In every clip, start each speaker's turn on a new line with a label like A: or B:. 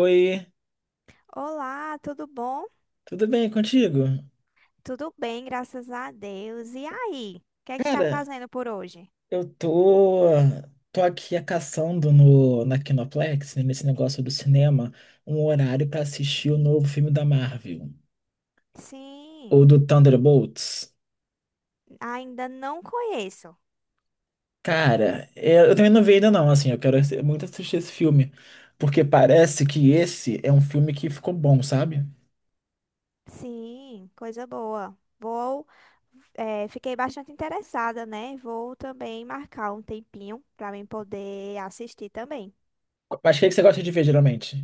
A: Oi,
B: Olá, tudo bom?
A: tudo bem contigo?
B: Tudo bem, graças a Deus. E aí? O que é que está
A: Cara,
B: fazendo por hoje?
A: eu tô, tô aqui caçando no, na Kinoplex, né, nesse negócio do cinema, um horário pra assistir o novo filme da Marvel, ou
B: Sim,
A: do Thunderbolts.
B: ainda não conheço.
A: Cara, eu também não vi ainda não. Assim, eu quero muito assistir esse filme, porque parece que esse é um filme que ficou bom, sabe?
B: Sim, coisa boa. Vou, fiquei bastante interessada, né? Vou também marcar um tempinho para mim poder assistir também.
A: Mas o que é que você gosta de ver, geralmente?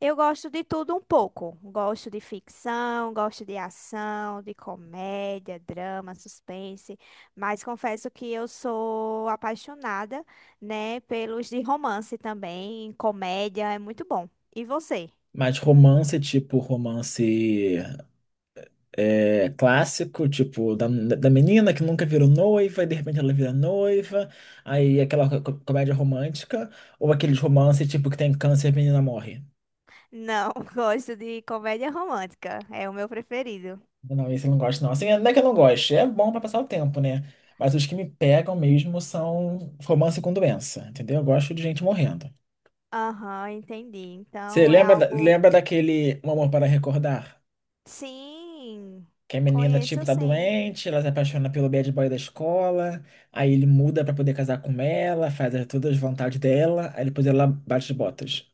B: Eu gosto de tudo um pouco. Gosto de ficção, gosto de ação, de comédia, drama, suspense, mas confesso que eu sou apaixonada, né, pelos de romance também, comédia é muito bom. E você?
A: Mais romance, tipo romance clássico, tipo, da menina que nunca virou noiva e de repente ela vira noiva, aí aquela comédia romântica, ou aqueles romance tipo que tem câncer e a menina morre.
B: Não, gosto de comédia romântica, é o meu preferido.
A: Não, esse eu não gosto, não. Assim, não é que eu não goste, é bom pra passar o tempo, né? Mas os que me pegam mesmo são romance com doença, entendeu? Eu gosto de gente morrendo.
B: Aham, entendi.
A: Você
B: Então é
A: lembra,
B: algo.
A: lembra daquele Um Amor para Recordar?
B: Sim,
A: Que a menina, tipo,
B: conheço
A: tá
B: sim.
A: doente, ela se apaixona pelo bad boy da escola, aí ele muda pra poder casar com ela, faz todas as vontades dela, aí depois ela bate as botas.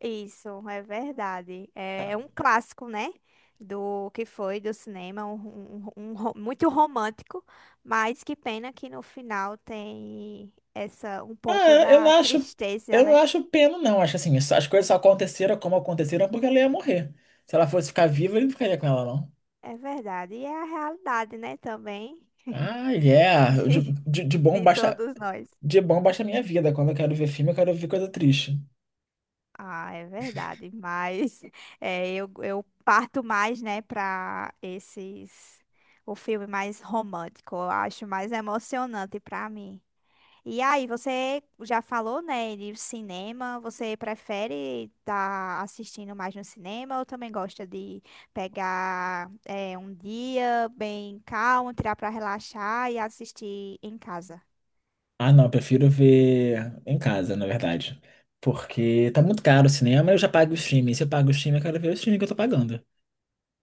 B: Isso, é verdade. É, é um clássico, né? Do que foi do cinema, um muito romântico, mas que pena que no final tem essa um pouco
A: Ah,
B: da tristeza,
A: eu não
B: né?
A: acho pena, não. Acho assim, as coisas só aconteceram como aconteceram porque ela ia morrer. Se ela fosse ficar viva, ele não ficaria com ela, não.
B: É verdade. E é a realidade, né, também.
A: Ah, yeah.
B: de, de todos nós.
A: De bom basta a minha vida. Quando eu quero ver filme, eu quero ver coisa triste.
B: Ah, é verdade. Mas é, eu parto mais, né, para esses o filme mais romântico. Eu acho mais emocionante para mim. E aí, você já falou, né, de cinema, você prefere estar assistindo mais no cinema ou também gosta de pegar um dia bem calmo, tirar para relaxar e assistir em casa?
A: Ah, não, eu prefiro ver em casa, na verdade. Porque tá muito caro o cinema, eu já pago o streaming. Se eu pago o streaming, eu quero ver o streaming que eu tô pagando.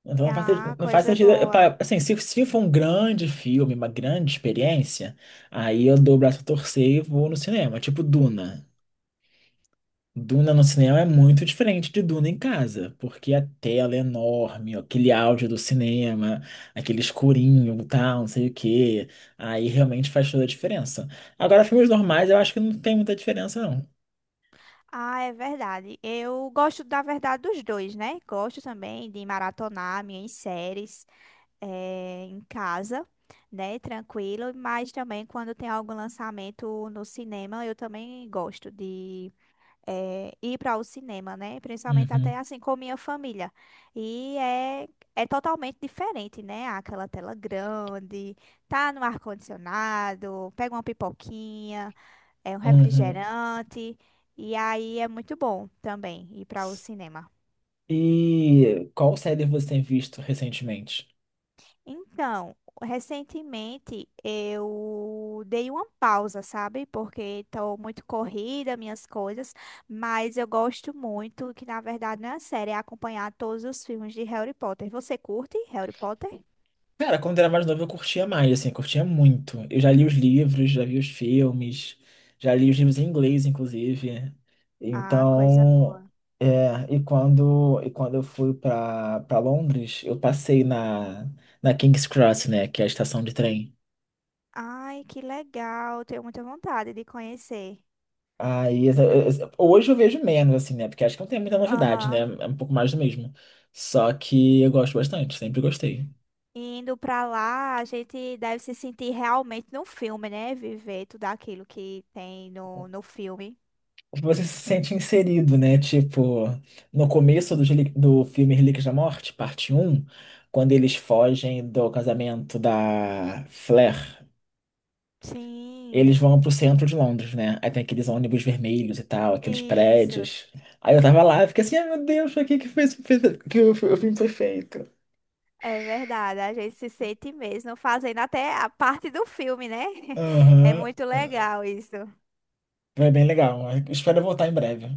A: Então
B: Ah,
A: não faz
B: coisa
A: sentido.
B: boa.
A: Assim, se for um grande filme, uma grande experiência, aí eu dou o braço a torcer e vou no cinema, tipo Duna. Duna no cinema é muito diferente de Duna em casa, porque a tela é enorme, aquele áudio do cinema, aquele escurinho, tal, não sei o quê. Aí realmente faz toda a diferença. Agora, filmes normais, eu acho que não tem muita diferença, não.
B: Ah, é verdade. Eu gosto, da verdade, dos dois, né? Gosto também de maratonar minhas séries, em casa, né? Tranquilo, mas também quando tem algum lançamento no cinema, eu também gosto de ir para o cinema, né? Principalmente
A: Uhum,
B: até assim com minha família. E é, é totalmente diferente, né? Aquela tela grande, tá no ar-condicionado, pega uma pipoquinha, é um
A: uhum.
B: refrigerante, e aí é muito bom também ir para o cinema.
A: E qual série você tem visto recentemente?
B: Então, recentemente eu dei uma pausa, sabe? Porque estou muito corrida, minhas coisas, mas eu gosto muito, que na verdade não é a série, é acompanhar todos os filmes de Harry Potter. Você curte Harry Potter?
A: Cara, quando era mais novo eu curtia mais, assim, eu curtia muito. Eu já li os livros, já vi os filmes, já li os livros em inglês, inclusive.
B: Ah, coisa
A: Então,
B: boa.
A: é, e quando eu fui para Londres, eu passei na King's Cross, né, que é a estação de trem.
B: Ai, que legal, tenho muita vontade de conhecer.
A: Aí, hoje eu vejo menos, assim, né, porque acho que não tem muita novidade, né,
B: Aham.
A: é um pouco mais do mesmo. Só que eu gosto bastante, sempre gostei.
B: Indo pra lá, a gente deve se sentir realmente no filme, né? Viver tudo aquilo que tem no, no filme.
A: Você se sente inserido, né? Tipo, no começo do filme Relíquias da Morte, parte um, quando eles fogem do casamento da Flair, eles
B: Sim.
A: vão pro centro de Londres, né? Aí tem aqueles ônibus vermelhos e tal, aqueles
B: Isso,
A: prédios. Aí eu tava lá e fiquei assim, ai meu Deus, pra que que foi, esse- fez- que o, fi- o filme foi feito?
B: é verdade. A gente se sente mesmo fazendo até a parte do filme, né? É
A: Aham.
B: muito legal isso.
A: Foi bem legal. Espero voltar em breve.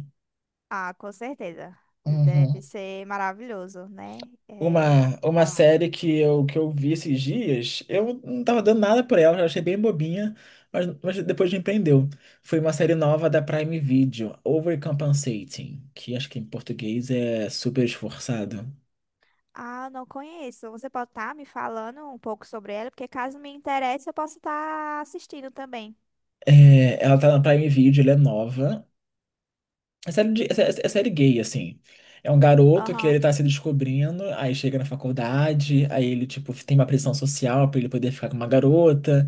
B: Ah, com certeza.
A: Uhum.
B: Deve ser maravilhoso, né? É,
A: Uma
B: vai lá.
A: série que que eu vi esses dias, eu não tava dando nada por ela, eu achei bem bobinha, mas depois me prendeu. Foi uma série nova da Prime Video, Overcompensating, que acho que em português é super esforçado.
B: Ah, não conheço. Você pode estar me falando um pouco sobre ela, porque caso me interesse, eu posso estar assistindo também.
A: É, ela tá na Prime Video, ela é nova. É série, é série gay, assim. É um garoto que
B: Aham.
A: ele tá se descobrindo, aí chega na faculdade, aí ele, tipo, tem uma pressão social pra ele poder ficar com uma garota.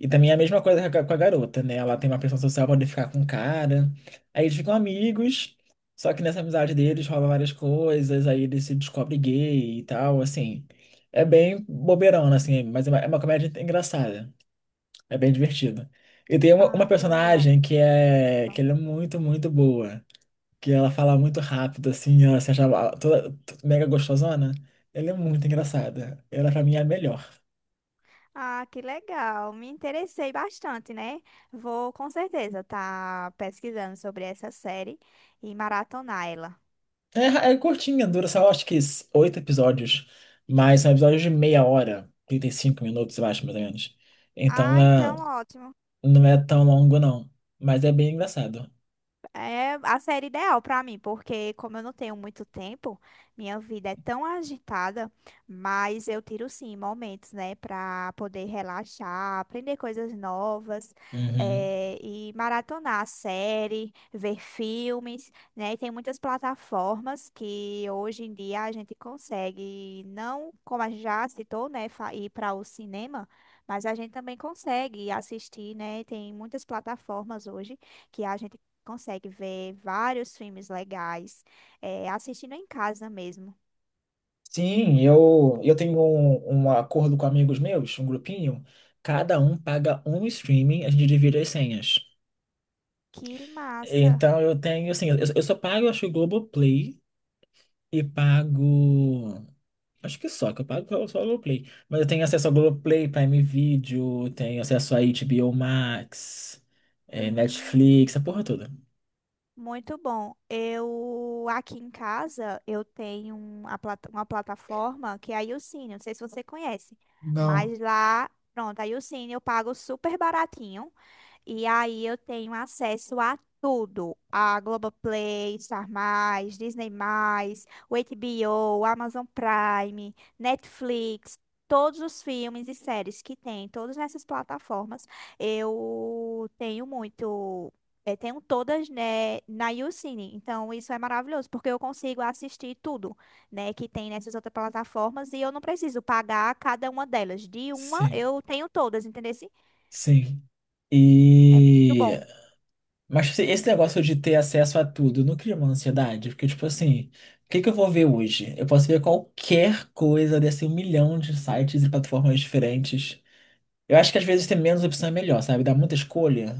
A: E também é a mesma coisa com a garota, né? Ela tem uma pressão social pra poder ficar com um cara. Aí eles ficam amigos, só que nessa amizade deles rola várias coisas, aí ele se descobre gay e tal, assim. É bem bobeirona, assim, mas é uma comédia engraçada. É bem divertida. E tem uma
B: Ah, que legal.
A: personagem que ela é muito boa, que ela fala muito rápido, assim, ela se achava mega gostosona. Ela é muito engraçada. Ela, pra mim, é a melhor.
B: Ah, que legal. Me interessei bastante, né? Vou com certeza estar pesquisando sobre essa série e maratonar ela.
A: É, é curtinha, dura só acho que 8 episódios, mas são episódios de meia hora, 35 minutos, eu acho, mais ou menos. Então
B: Ah,
A: é-
B: então ótimo.
A: não é tão longo, não, mas é bem engraçado.
B: É a série ideal pra mim, porque como eu não tenho muito tempo, minha vida é tão agitada, mas eu tiro sim momentos, né, pra poder relaxar, aprender coisas novas,
A: Uhum.
B: e maratonar série, ver filmes, né? E tem muitas plataformas que hoje em dia a gente consegue, não como a gente já citou, né, ir para o cinema, mas a gente também consegue assistir, né? Tem muitas plataformas hoje que a gente consegue ver vários filmes legais, é, assistindo em casa mesmo.
A: Sim, eu tenho um acordo com amigos meus, um grupinho, cada um paga um streaming, a gente divide as senhas.
B: Que massa!
A: Então eu tenho, assim, eu só pago, acho, o Globoplay e pago. Acho que só, que eu pago só o Globoplay. Mas eu tenho acesso ao Globoplay, Prime Video, tenho acesso a HBO Max,
B: Hum,
A: Netflix, a porra toda.
B: muito bom. Eu aqui em casa eu tenho uma, uma plataforma que é a Youcine, não sei se você conhece,
A: Não.
B: mas lá, pronto, a Youcine eu pago super baratinho. E aí eu tenho acesso a tudo, a Globoplay, Star+, Disney+, o HBO, Amazon Prime, Netflix, todos os filmes e séries que tem, todas essas plataformas, eu tenho muito, tenho todas, né, na YouCine. Então isso é maravilhoso, porque eu consigo assistir tudo, né, que tem nessas outras plataformas e eu não preciso pagar cada uma delas. De uma
A: Sim,
B: eu tenho todas, entendeu?
A: sim.
B: É muito
A: E.
B: bom.
A: Mas assim, esse negócio de ter acesso a tudo não cria uma ansiedade? Porque, tipo assim, o que que eu vou ver hoje? Eu posso ver qualquer coisa desse um milhão de sites e plataformas diferentes. Eu acho que às vezes ter menos opção é melhor, sabe? Dá muita escolha.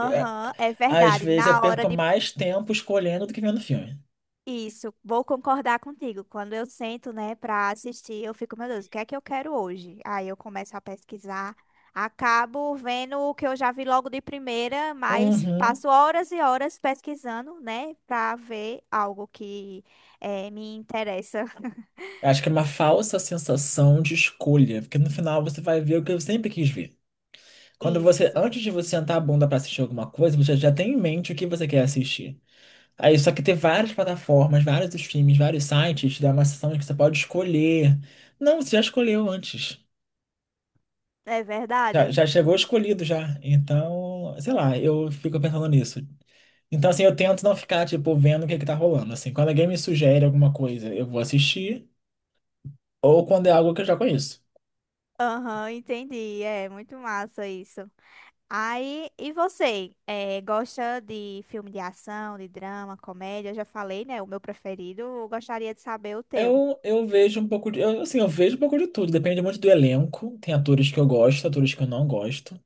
A: É,
B: é
A: às
B: verdade.
A: vezes eu
B: Na hora
A: perco
B: de
A: mais tempo escolhendo do que vendo filme.
B: isso, vou concordar contigo. Quando eu sento, né, pra assistir, eu fico, meu Deus, o que é que eu quero hoje? Aí eu começo a pesquisar, acabo vendo o que eu já vi logo de primeira, mas
A: Uhum.
B: passo horas e horas pesquisando, né, pra ver algo que me interessa.
A: Eu acho que é uma falsa sensação de escolha, porque no final você vai ver o que eu sempre quis ver. Quando você,
B: Isso,
A: antes de você sentar a bunda pra assistir alguma coisa, você já tem em mente o que você quer assistir. Aí, só que ter várias plataformas, vários streams, vários sites, te dá uma sensação de que você pode escolher. Não, você já escolheu antes.
B: é verdade.
A: Já chegou escolhido já. Então, sei lá, eu fico pensando nisso. Então, assim, eu tento não ficar, tipo, vendo o que é que tá rolando. Assim, quando alguém me sugere alguma coisa, eu vou assistir, ou quando é algo que eu já conheço.
B: Aham, entendi. É muito massa isso. Aí, e você? Gosta de filme de ação, de drama, comédia? Eu já falei, né? O meu preferido. Eu gostaria de saber o teu.
A: Eu vejo um pouco assim, eu vejo um pouco de tudo, depende muito do elenco. Tem atores que eu gosto, atores que eu não gosto,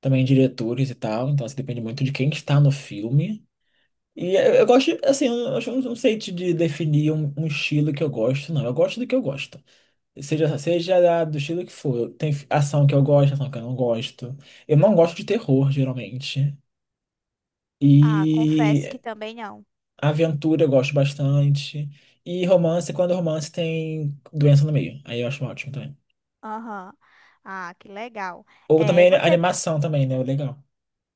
A: também diretores e tal, então assim, depende muito de quem está no filme. E eu gosto, assim, eu não sei te de definir um estilo que eu gosto, não. Eu gosto do que eu gosto. Seja do estilo que for. Tem ação que eu gosto, ação que eu não gosto. Eu não gosto de terror, geralmente. E
B: Ah, confesso que também não.
A: aventura eu gosto bastante. E romance, quando romance tem doença no meio. Aí eu acho ótimo também.
B: Aham. Ah, que legal.
A: Ou também
B: Você.
A: animação também, né? Legal.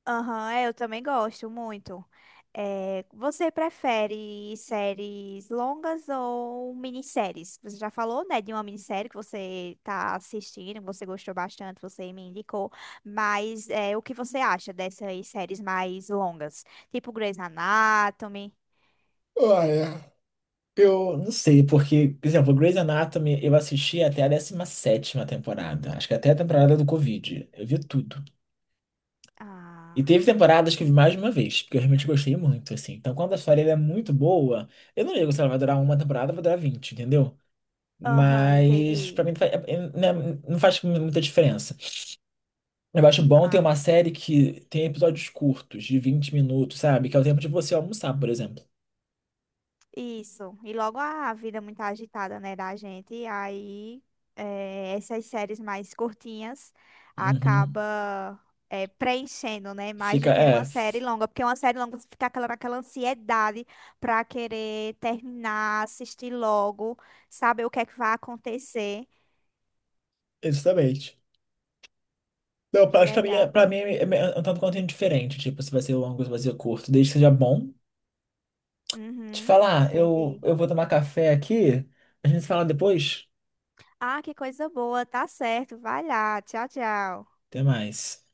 B: Aham, é, eu também gosto muito. É, você prefere séries longas ou minisséries? Você já falou, né, de uma minissérie que você tá assistindo, que você gostou bastante, você me indicou, mas é, o que você acha dessas séries mais longas? Tipo Grey's Anatomy?
A: Ah, é. Eu não sei, porque, por exemplo, Grey's Anatomy eu assisti até a 17ª temporada. Acho que até a temporada do Covid. Eu vi tudo. E
B: Ah,
A: teve temporadas que eu vi mais de uma vez, porque eu realmente gostei muito, assim. Então, quando a história ela é muito boa, eu não ligo se ela vai durar uma temporada, vai durar 20, entendeu?
B: aham,
A: Mas, pra
B: entendi.
A: mim, né, não faz muita diferença. Eu acho bom ter uma série que tem episódios curtos, de 20 minutos, sabe? Que é o tempo de você almoçar, por exemplo.
B: Isso. E logo a vida é muito agitada, né, da gente. E aí, essas séries mais curtinhas
A: Uhum.
B: acaba preenchendo, né, mais do
A: Fica,
B: que uma
A: é,
B: série longa. Porque uma série longa você fica aquela, naquela ansiedade pra querer terminar, assistir logo, saber o que é que vai acontecer.
A: exatamente. Não,
B: Que
A: pra, acho que pra mim,
B: legal.
A: pra mim é é um tanto quanto indiferente. Tipo, se vai ser longo, se vai ser curto, desde que seja bom. Te
B: Uhum,
A: falar,
B: entendi.
A: eu vou tomar café aqui, a gente se fala depois.
B: Ah, que coisa boa. Tá certo. Vai lá. Tchau, tchau.
A: Até mais.